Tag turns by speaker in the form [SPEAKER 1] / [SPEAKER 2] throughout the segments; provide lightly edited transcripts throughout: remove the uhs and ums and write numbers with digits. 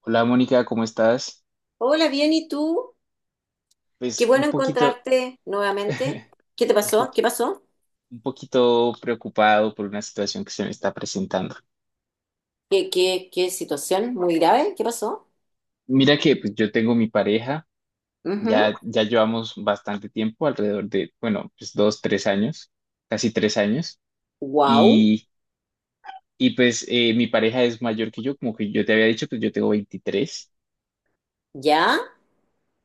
[SPEAKER 1] Hola Mónica, ¿cómo estás?
[SPEAKER 2] Hola, bien, ¿y tú? Qué
[SPEAKER 1] Pues
[SPEAKER 2] bueno
[SPEAKER 1] un poquito,
[SPEAKER 2] encontrarte nuevamente. ¿Qué te
[SPEAKER 1] un po-
[SPEAKER 2] pasó? ¿Qué pasó?
[SPEAKER 1] un poquito preocupado por una situación que se me está presentando.
[SPEAKER 2] ¿Qué situación muy grave? ¿Qué pasó?
[SPEAKER 1] Mira que pues, yo tengo mi pareja, ya llevamos bastante tiempo, alrededor de, bueno, pues 2, 3 años, casi 3 años.
[SPEAKER 2] Wow,
[SPEAKER 1] Y, y pues eh, mi pareja es mayor que yo, como que yo te había dicho, pues yo tengo 23.
[SPEAKER 2] ¿ya?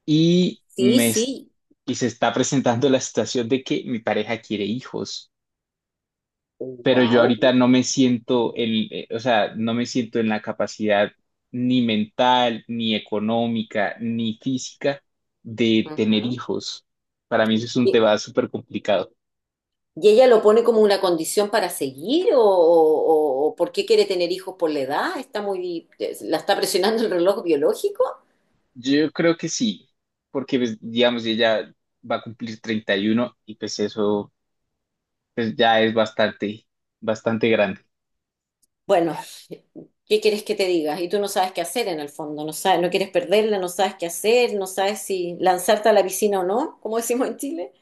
[SPEAKER 1] y,
[SPEAKER 2] Sí,
[SPEAKER 1] me, es-
[SPEAKER 2] sí.
[SPEAKER 1] y se está presentando la situación de que mi pareja quiere hijos. Pero yo
[SPEAKER 2] Wow.
[SPEAKER 1] ahorita no me siento o sea, no me siento en la capacidad ni mental, ni económica, ni física de tener hijos. Para mí eso es un
[SPEAKER 2] ¿Y,
[SPEAKER 1] tema súper complicado.
[SPEAKER 2] y ella lo pone como una condición para seguir o por qué quiere tener hijos por la edad? ¿Está muy, la está presionando el reloj biológico?
[SPEAKER 1] Yo creo que sí, porque pues, digamos, ella va a cumplir 31 y pues eso pues, ya es bastante, bastante grande.
[SPEAKER 2] Bueno, ¿qué quieres que te diga? Y tú no sabes qué hacer en el fondo, no sabes, no quieres perderla, no sabes qué hacer, no sabes si lanzarte a la piscina o no, como decimos en Chile.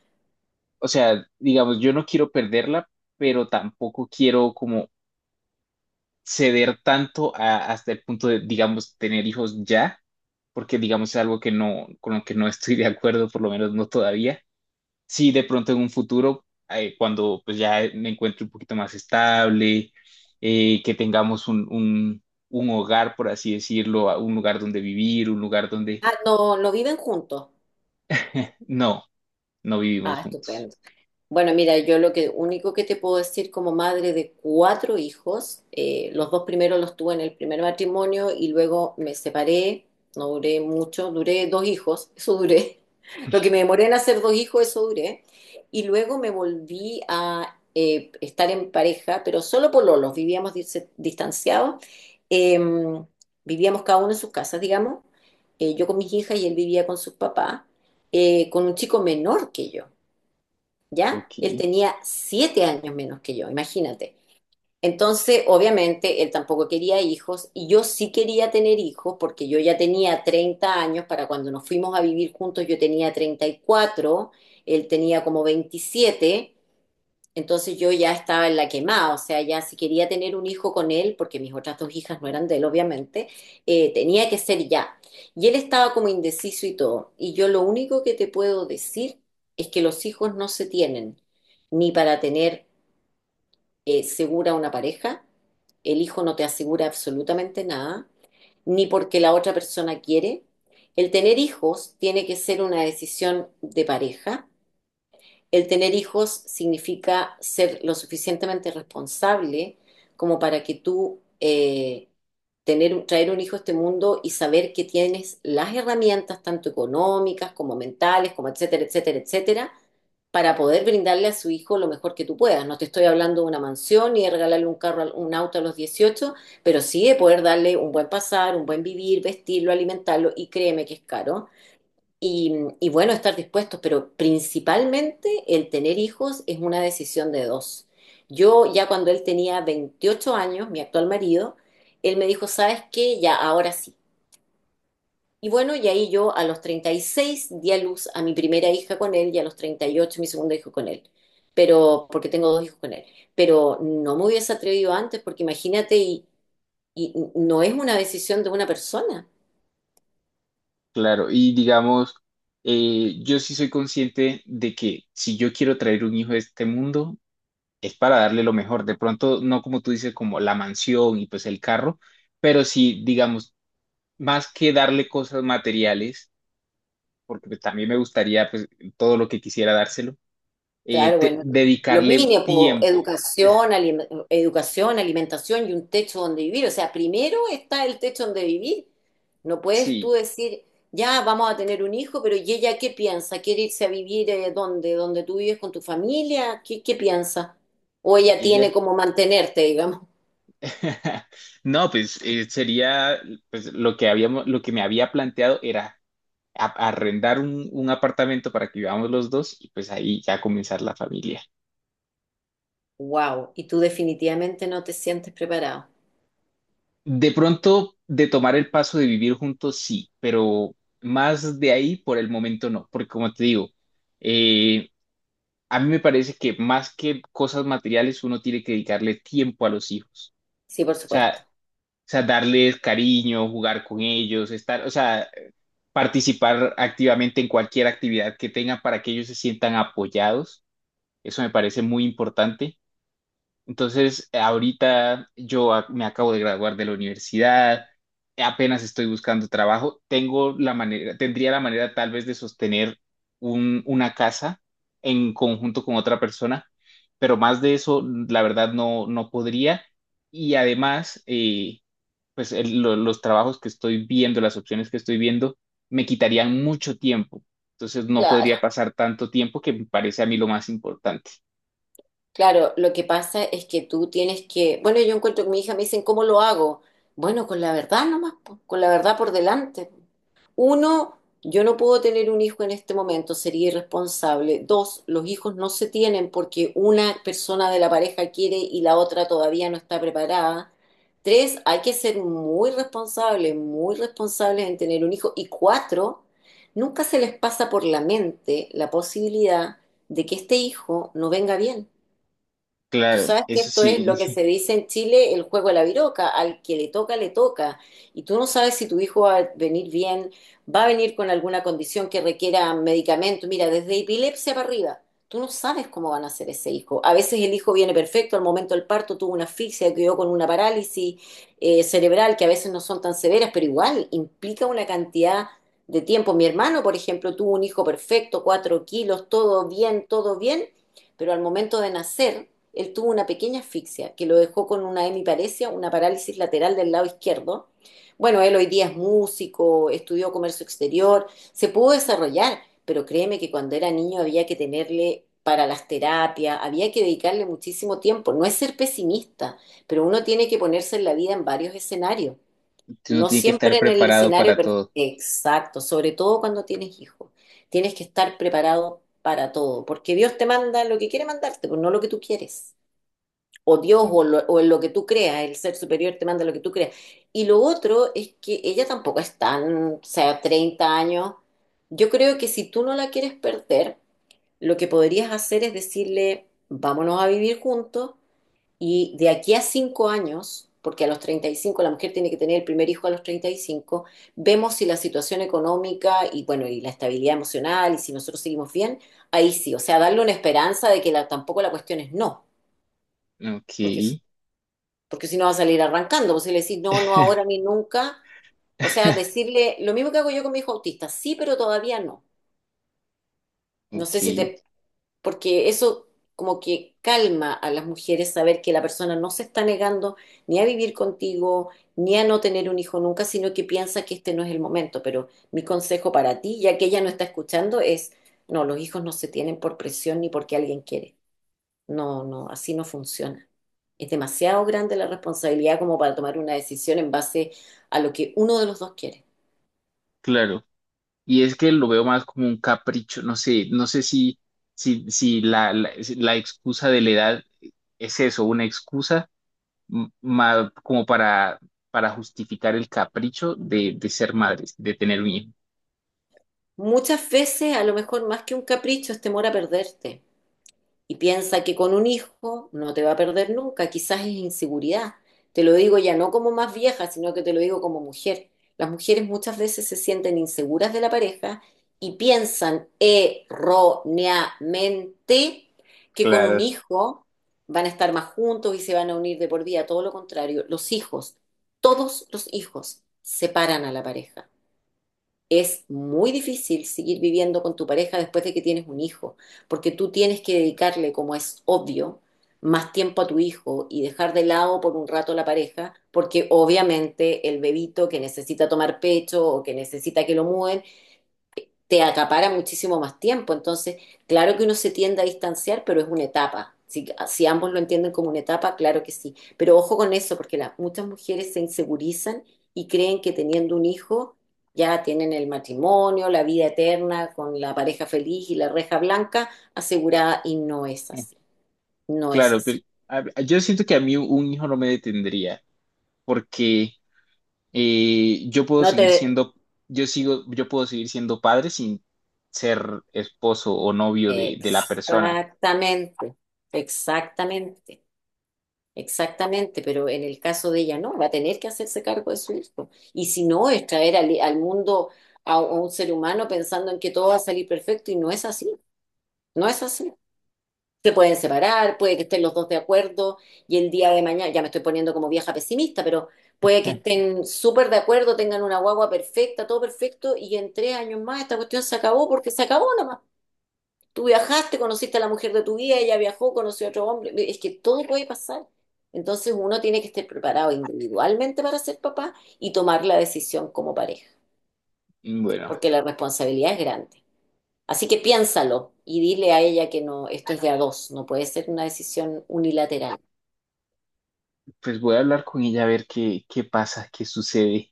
[SPEAKER 1] O sea, digamos, yo no quiero perderla, pero tampoco quiero como ceder tanto hasta el punto de, digamos, tener hijos ya, porque, digamos, es algo que no, con lo que no estoy de acuerdo, por lo menos no todavía. Sí, de pronto en un futuro, cuando pues ya me encuentre un poquito más estable, que tengamos un hogar, por así decirlo, un lugar donde vivir, un lugar donde
[SPEAKER 2] Ah, no, no viven juntos.
[SPEAKER 1] no, no vivimos
[SPEAKER 2] Ah,
[SPEAKER 1] juntos.
[SPEAKER 2] estupendo. Bueno, mira, yo lo que único que te puedo decir como madre de cuatro hijos, los dos primeros los tuve en el primer matrimonio y luego me separé, no duré mucho, duré dos hijos, eso duré. Lo que me demoré en hacer dos hijos, eso duré. Y luego me volví a estar en pareja, pero solo por lolos, vivíamos distanciados, eh, vivíamos cada uno en sus casas, digamos, yo con mis hijas y él vivía con sus papás, con un chico menor que yo. ¿Ya?
[SPEAKER 1] Ok,
[SPEAKER 2] Él tenía 7 años menos que yo, imagínate. Entonces, obviamente, él tampoco quería hijos y yo sí quería tener hijos porque yo ya tenía 30 años para cuando nos fuimos a vivir juntos, yo tenía 34, él tenía como 27. Entonces yo ya estaba en la quemada, o sea, ya si quería tener un hijo con él, porque mis otras dos hijas no eran de él, obviamente, tenía que ser ya. Y él estaba como indeciso y todo. Y yo lo único que te puedo decir es que los hijos no se tienen ni para tener segura una pareja, el hijo no te asegura absolutamente nada, ni porque la otra persona quiere. El tener hijos tiene que ser una decisión de pareja. El tener hijos significa ser lo suficientemente responsable como para que tú traer un hijo a este mundo y saber que tienes las herramientas, tanto económicas como mentales, como etcétera, etcétera, etcétera, para poder brindarle a su hijo lo mejor que tú puedas. No te estoy hablando de una mansión ni de regalarle un carro, un auto a los 18, pero sí de poder darle un buen pasar, un buen vivir, vestirlo, alimentarlo, y créeme que es caro. Y, y bueno, estar dispuestos, pero principalmente el tener hijos es una decisión de dos. Yo ya cuando él tenía 28 años, mi actual marido, él me dijo, ¿sabes qué? Ya, ahora sí. Y bueno, y ahí yo a los 36 di a luz a mi primera hija con él y a los 38 mi segundo hijo con él. Pero, porque tengo dos hijos con él. Pero no me hubiese atrevido antes porque imagínate, y no es una decisión de una persona.
[SPEAKER 1] claro. Y digamos, yo sí soy consciente de que si yo quiero traer un hijo a este mundo, es para darle lo mejor. De pronto, no como tú dices, como la mansión y pues el carro, pero sí, digamos, más que darle cosas materiales, porque pues también me gustaría pues todo lo que quisiera dárselo,
[SPEAKER 2] Claro, bueno, lo
[SPEAKER 1] dedicarle
[SPEAKER 2] mínimo, po,
[SPEAKER 1] tiempo.
[SPEAKER 2] educación, educación, alimentación y un techo donde vivir. O sea, primero está el techo donde vivir. No puedes tú
[SPEAKER 1] Sí,
[SPEAKER 2] decir, ya vamos a tener un hijo, pero ¿y ella qué piensa? ¿Quiere irse a vivir dónde? ¿Dónde tú vives con tu familia? ¿Qué piensa? O ella tiene
[SPEAKER 1] ella.
[SPEAKER 2] como mantenerte, digamos.
[SPEAKER 1] No, pues sería pues lo que habíamos, lo que me había planteado era arrendar un apartamento para que vivamos los dos y pues ahí ya comenzar la familia.
[SPEAKER 2] Wow, y tú definitivamente no te sientes preparado.
[SPEAKER 1] De pronto, de tomar el paso de vivir juntos, sí, pero más de ahí por el momento no, porque como te digo, eh, a mí me parece que más que cosas materiales uno tiene que dedicarle tiempo a los hijos.
[SPEAKER 2] Sí, por
[SPEAKER 1] o
[SPEAKER 2] supuesto.
[SPEAKER 1] sea, o sea, darles cariño, jugar con ellos, estar, o sea, participar activamente en cualquier actividad que tengan para que ellos se sientan apoyados, eso me parece muy importante. Entonces, ahorita yo me acabo de graduar de la universidad, apenas estoy buscando trabajo, tengo la manera, tendría la manera tal vez de sostener una casa en conjunto con otra persona, pero más de eso, la verdad, no, no podría. Y además, pues los trabajos que estoy viendo, las opciones que estoy viendo, me quitarían mucho tiempo. Entonces, no
[SPEAKER 2] Claro.
[SPEAKER 1] podría pasar tanto tiempo que me parece a mí lo más importante.
[SPEAKER 2] Claro, lo que pasa es que tú tienes que, bueno, yo encuentro que mi hija me dicen, ¿cómo lo hago? Bueno, con la verdad nomás, po, con la verdad por delante. Uno, yo no puedo tener un hijo en este momento, sería irresponsable. Dos, los hijos no se tienen porque una persona de la pareja quiere y la otra todavía no está preparada. Tres, hay que ser muy responsables en tener un hijo. Y cuatro, nunca se les pasa por la mente la posibilidad de que este hijo no venga bien. Tú
[SPEAKER 1] Claro,
[SPEAKER 2] sabes que
[SPEAKER 1] eso
[SPEAKER 2] esto es lo que
[SPEAKER 1] sí.
[SPEAKER 2] se dice en Chile, el juego de la viroca, al que le toca, le toca. Y tú no sabes si tu hijo va a venir bien, va a venir con alguna condición que requiera medicamento. Mira, desde epilepsia para arriba, tú no sabes cómo van a ser ese hijo. A veces el hijo viene perfecto, al momento del parto tuvo una asfixia, quedó con una parálisis cerebral, que a veces no son tan severas, pero igual implica una cantidad de tiempo. Mi hermano, por ejemplo, tuvo un hijo perfecto, 4 kilos, todo bien, pero al momento de nacer él tuvo una pequeña asfixia que lo dejó con una hemiparesia, una parálisis lateral del lado izquierdo. Bueno, él hoy día es músico, estudió comercio exterior, se pudo desarrollar, pero créeme que cuando era niño había que tenerle para las terapias, había que dedicarle muchísimo tiempo. No es ser pesimista, pero uno tiene que ponerse en la vida en varios escenarios.
[SPEAKER 1] Uno
[SPEAKER 2] No
[SPEAKER 1] tiene que
[SPEAKER 2] siempre
[SPEAKER 1] estar
[SPEAKER 2] en el
[SPEAKER 1] preparado
[SPEAKER 2] escenario
[SPEAKER 1] para todo.
[SPEAKER 2] exacto, sobre todo cuando tienes hijos. Tienes que estar preparado para todo, porque Dios te manda lo que quiere mandarte, pues no lo que tú quieres o Dios
[SPEAKER 1] Mm.
[SPEAKER 2] o en lo que tú creas, el ser superior te manda lo que tú creas. Y lo otro es que ella tampoco es tan, o sea, 30 años. Yo creo que si tú no la quieres perder, lo que podrías hacer es decirle, vámonos a vivir juntos y de aquí a 5 años, porque a los 35 la mujer tiene que tener el primer hijo a los 35. Vemos si la situación económica y bueno, y la estabilidad emocional y si nosotros seguimos bien, ahí sí, o sea, darle una esperanza de que tampoco la cuestión es no,
[SPEAKER 1] Ok.
[SPEAKER 2] porque porque si no va a salir arrancando, pues si le decís no, no ahora ni nunca, o sea, decirle lo mismo que hago yo con mi hijo autista, sí, pero todavía no. No sé si
[SPEAKER 1] Ok,
[SPEAKER 2] te, porque eso como que calma a las mujeres saber que la persona no se está negando ni a vivir contigo, ni a no tener un hijo nunca, sino que piensa que este no es el momento. Pero mi consejo para ti, ya que ella no está escuchando, es, no, los hijos no se tienen por presión ni porque alguien quiere. No, no, así no funciona. Es demasiado grande la responsabilidad como para tomar una decisión en base a lo que uno de los dos quiere.
[SPEAKER 1] claro. Y es que lo veo más como un capricho, no sé si, si la excusa de la edad es eso, una excusa como para justificar el capricho de ser madres, de tener un hijo.
[SPEAKER 2] Muchas veces, a lo mejor más que un capricho, es temor a perderte. Y piensa que con un hijo no te va a perder nunca, quizás es inseguridad. Te lo digo ya no como más vieja, sino que te lo digo como mujer. Las mujeres muchas veces se sienten inseguras de la pareja y piensan erróneamente que con un
[SPEAKER 1] Claro,
[SPEAKER 2] hijo van a estar más juntos y se van a unir de por vida. Todo lo contrario, los hijos, todos los hijos separan a la pareja. Es muy difícil seguir viviendo con tu pareja después de que tienes un hijo, porque tú tienes que dedicarle, como es obvio, más tiempo a tu hijo y dejar de lado por un rato la pareja, porque obviamente el bebito que necesita tomar pecho o que necesita que lo mueven te acapara muchísimo más tiempo. Entonces, claro que uno se tiende a distanciar, pero es una etapa. Si ambos lo entienden como una etapa, claro que sí. Pero ojo con eso, porque las muchas mujeres se insegurizan y creen que teniendo un hijo ya tienen el matrimonio, la vida eterna con la pareja feliz y la reja blanca asegurada, y no es así, no es
[SPEAKER 1] claro,
[SPEAKER 2] así.
[SPEAKER 1] pero yo siento que a mí un hijo no me detendría, porque yo puedo
[SPEAKER 2] No
[SPEAKER 1] seguir
[SPEAKER 2] te...
[SPEAKER 1] siendo, yo sigo, yo puedo seguir siendo padre sin ser esposo o novio de, la persona.
[SPEAKER 2] Exactamente, exactamente. Exactamente, pero en el caso de ella no, va a tener que hacerse cargo de su hijo. Y si no, es traer al mundo a un ser humano pensando en que todo va a salir perfecto y no es así, no es así. Se pueden separar, puede que estén los dos de acuerdo y el día de mañana, ya me estoy poniendo como vieja pesimista, pero puede que estén súper de acuerdo, tengan una guagua perfecta, todo perfecto y en 3 años más esta cuestión se acabó porque se acabó nomás. Tú viajaste, conociste a la mujer de tu vida, ella viajó, conoció a otro hombre. Es que todo puede pasar. Entonces uno tiene que estar preparado individualmente para ser papá y tomar la decisión como pareja,
[SPEAKER 1] Bueno,
[SPEAKER 2] porque la responsabilidad es grande. Así que piénsalo y dile a ella que no, esto es de a dos, no puede ser una decisión unilateral.
[SPEAKER 1] pues voy a hablar con ella a ver qué, pasa, qué sucede.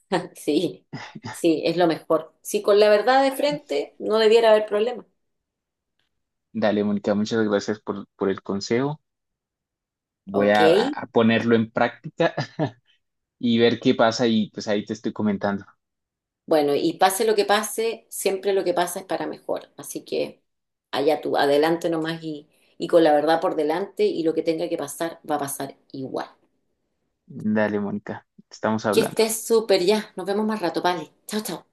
[SPEAKER 2] Sí, sí, es lo mejor. Sí, con la verdad de frente no debiera haber problema.
[SPEAKER 1] Dale, Mónica, muchas gracias por el consejo. Voy
[SPEAKER 2] Ok.
[SPEAKER 1] a, a ponerlo en práctica y ver qué pasa y pues ahí te estoy comentando.
[SPEAKER 2] Bueno, y pase lo que pase, siempre lo que pasa es para mejor. Así que allá tú, adelante nomás y con la verdad por delante y lo que tenga que pasar va a pasar igual.
[SPEAKER 1] Dale, Mónica, estamos
[SPEAKER 2] Que
[SPEAKER 1] hablando.
[SPEAKER 2] estés súper ya. Nos vemos más rato, vale. Chao, chao.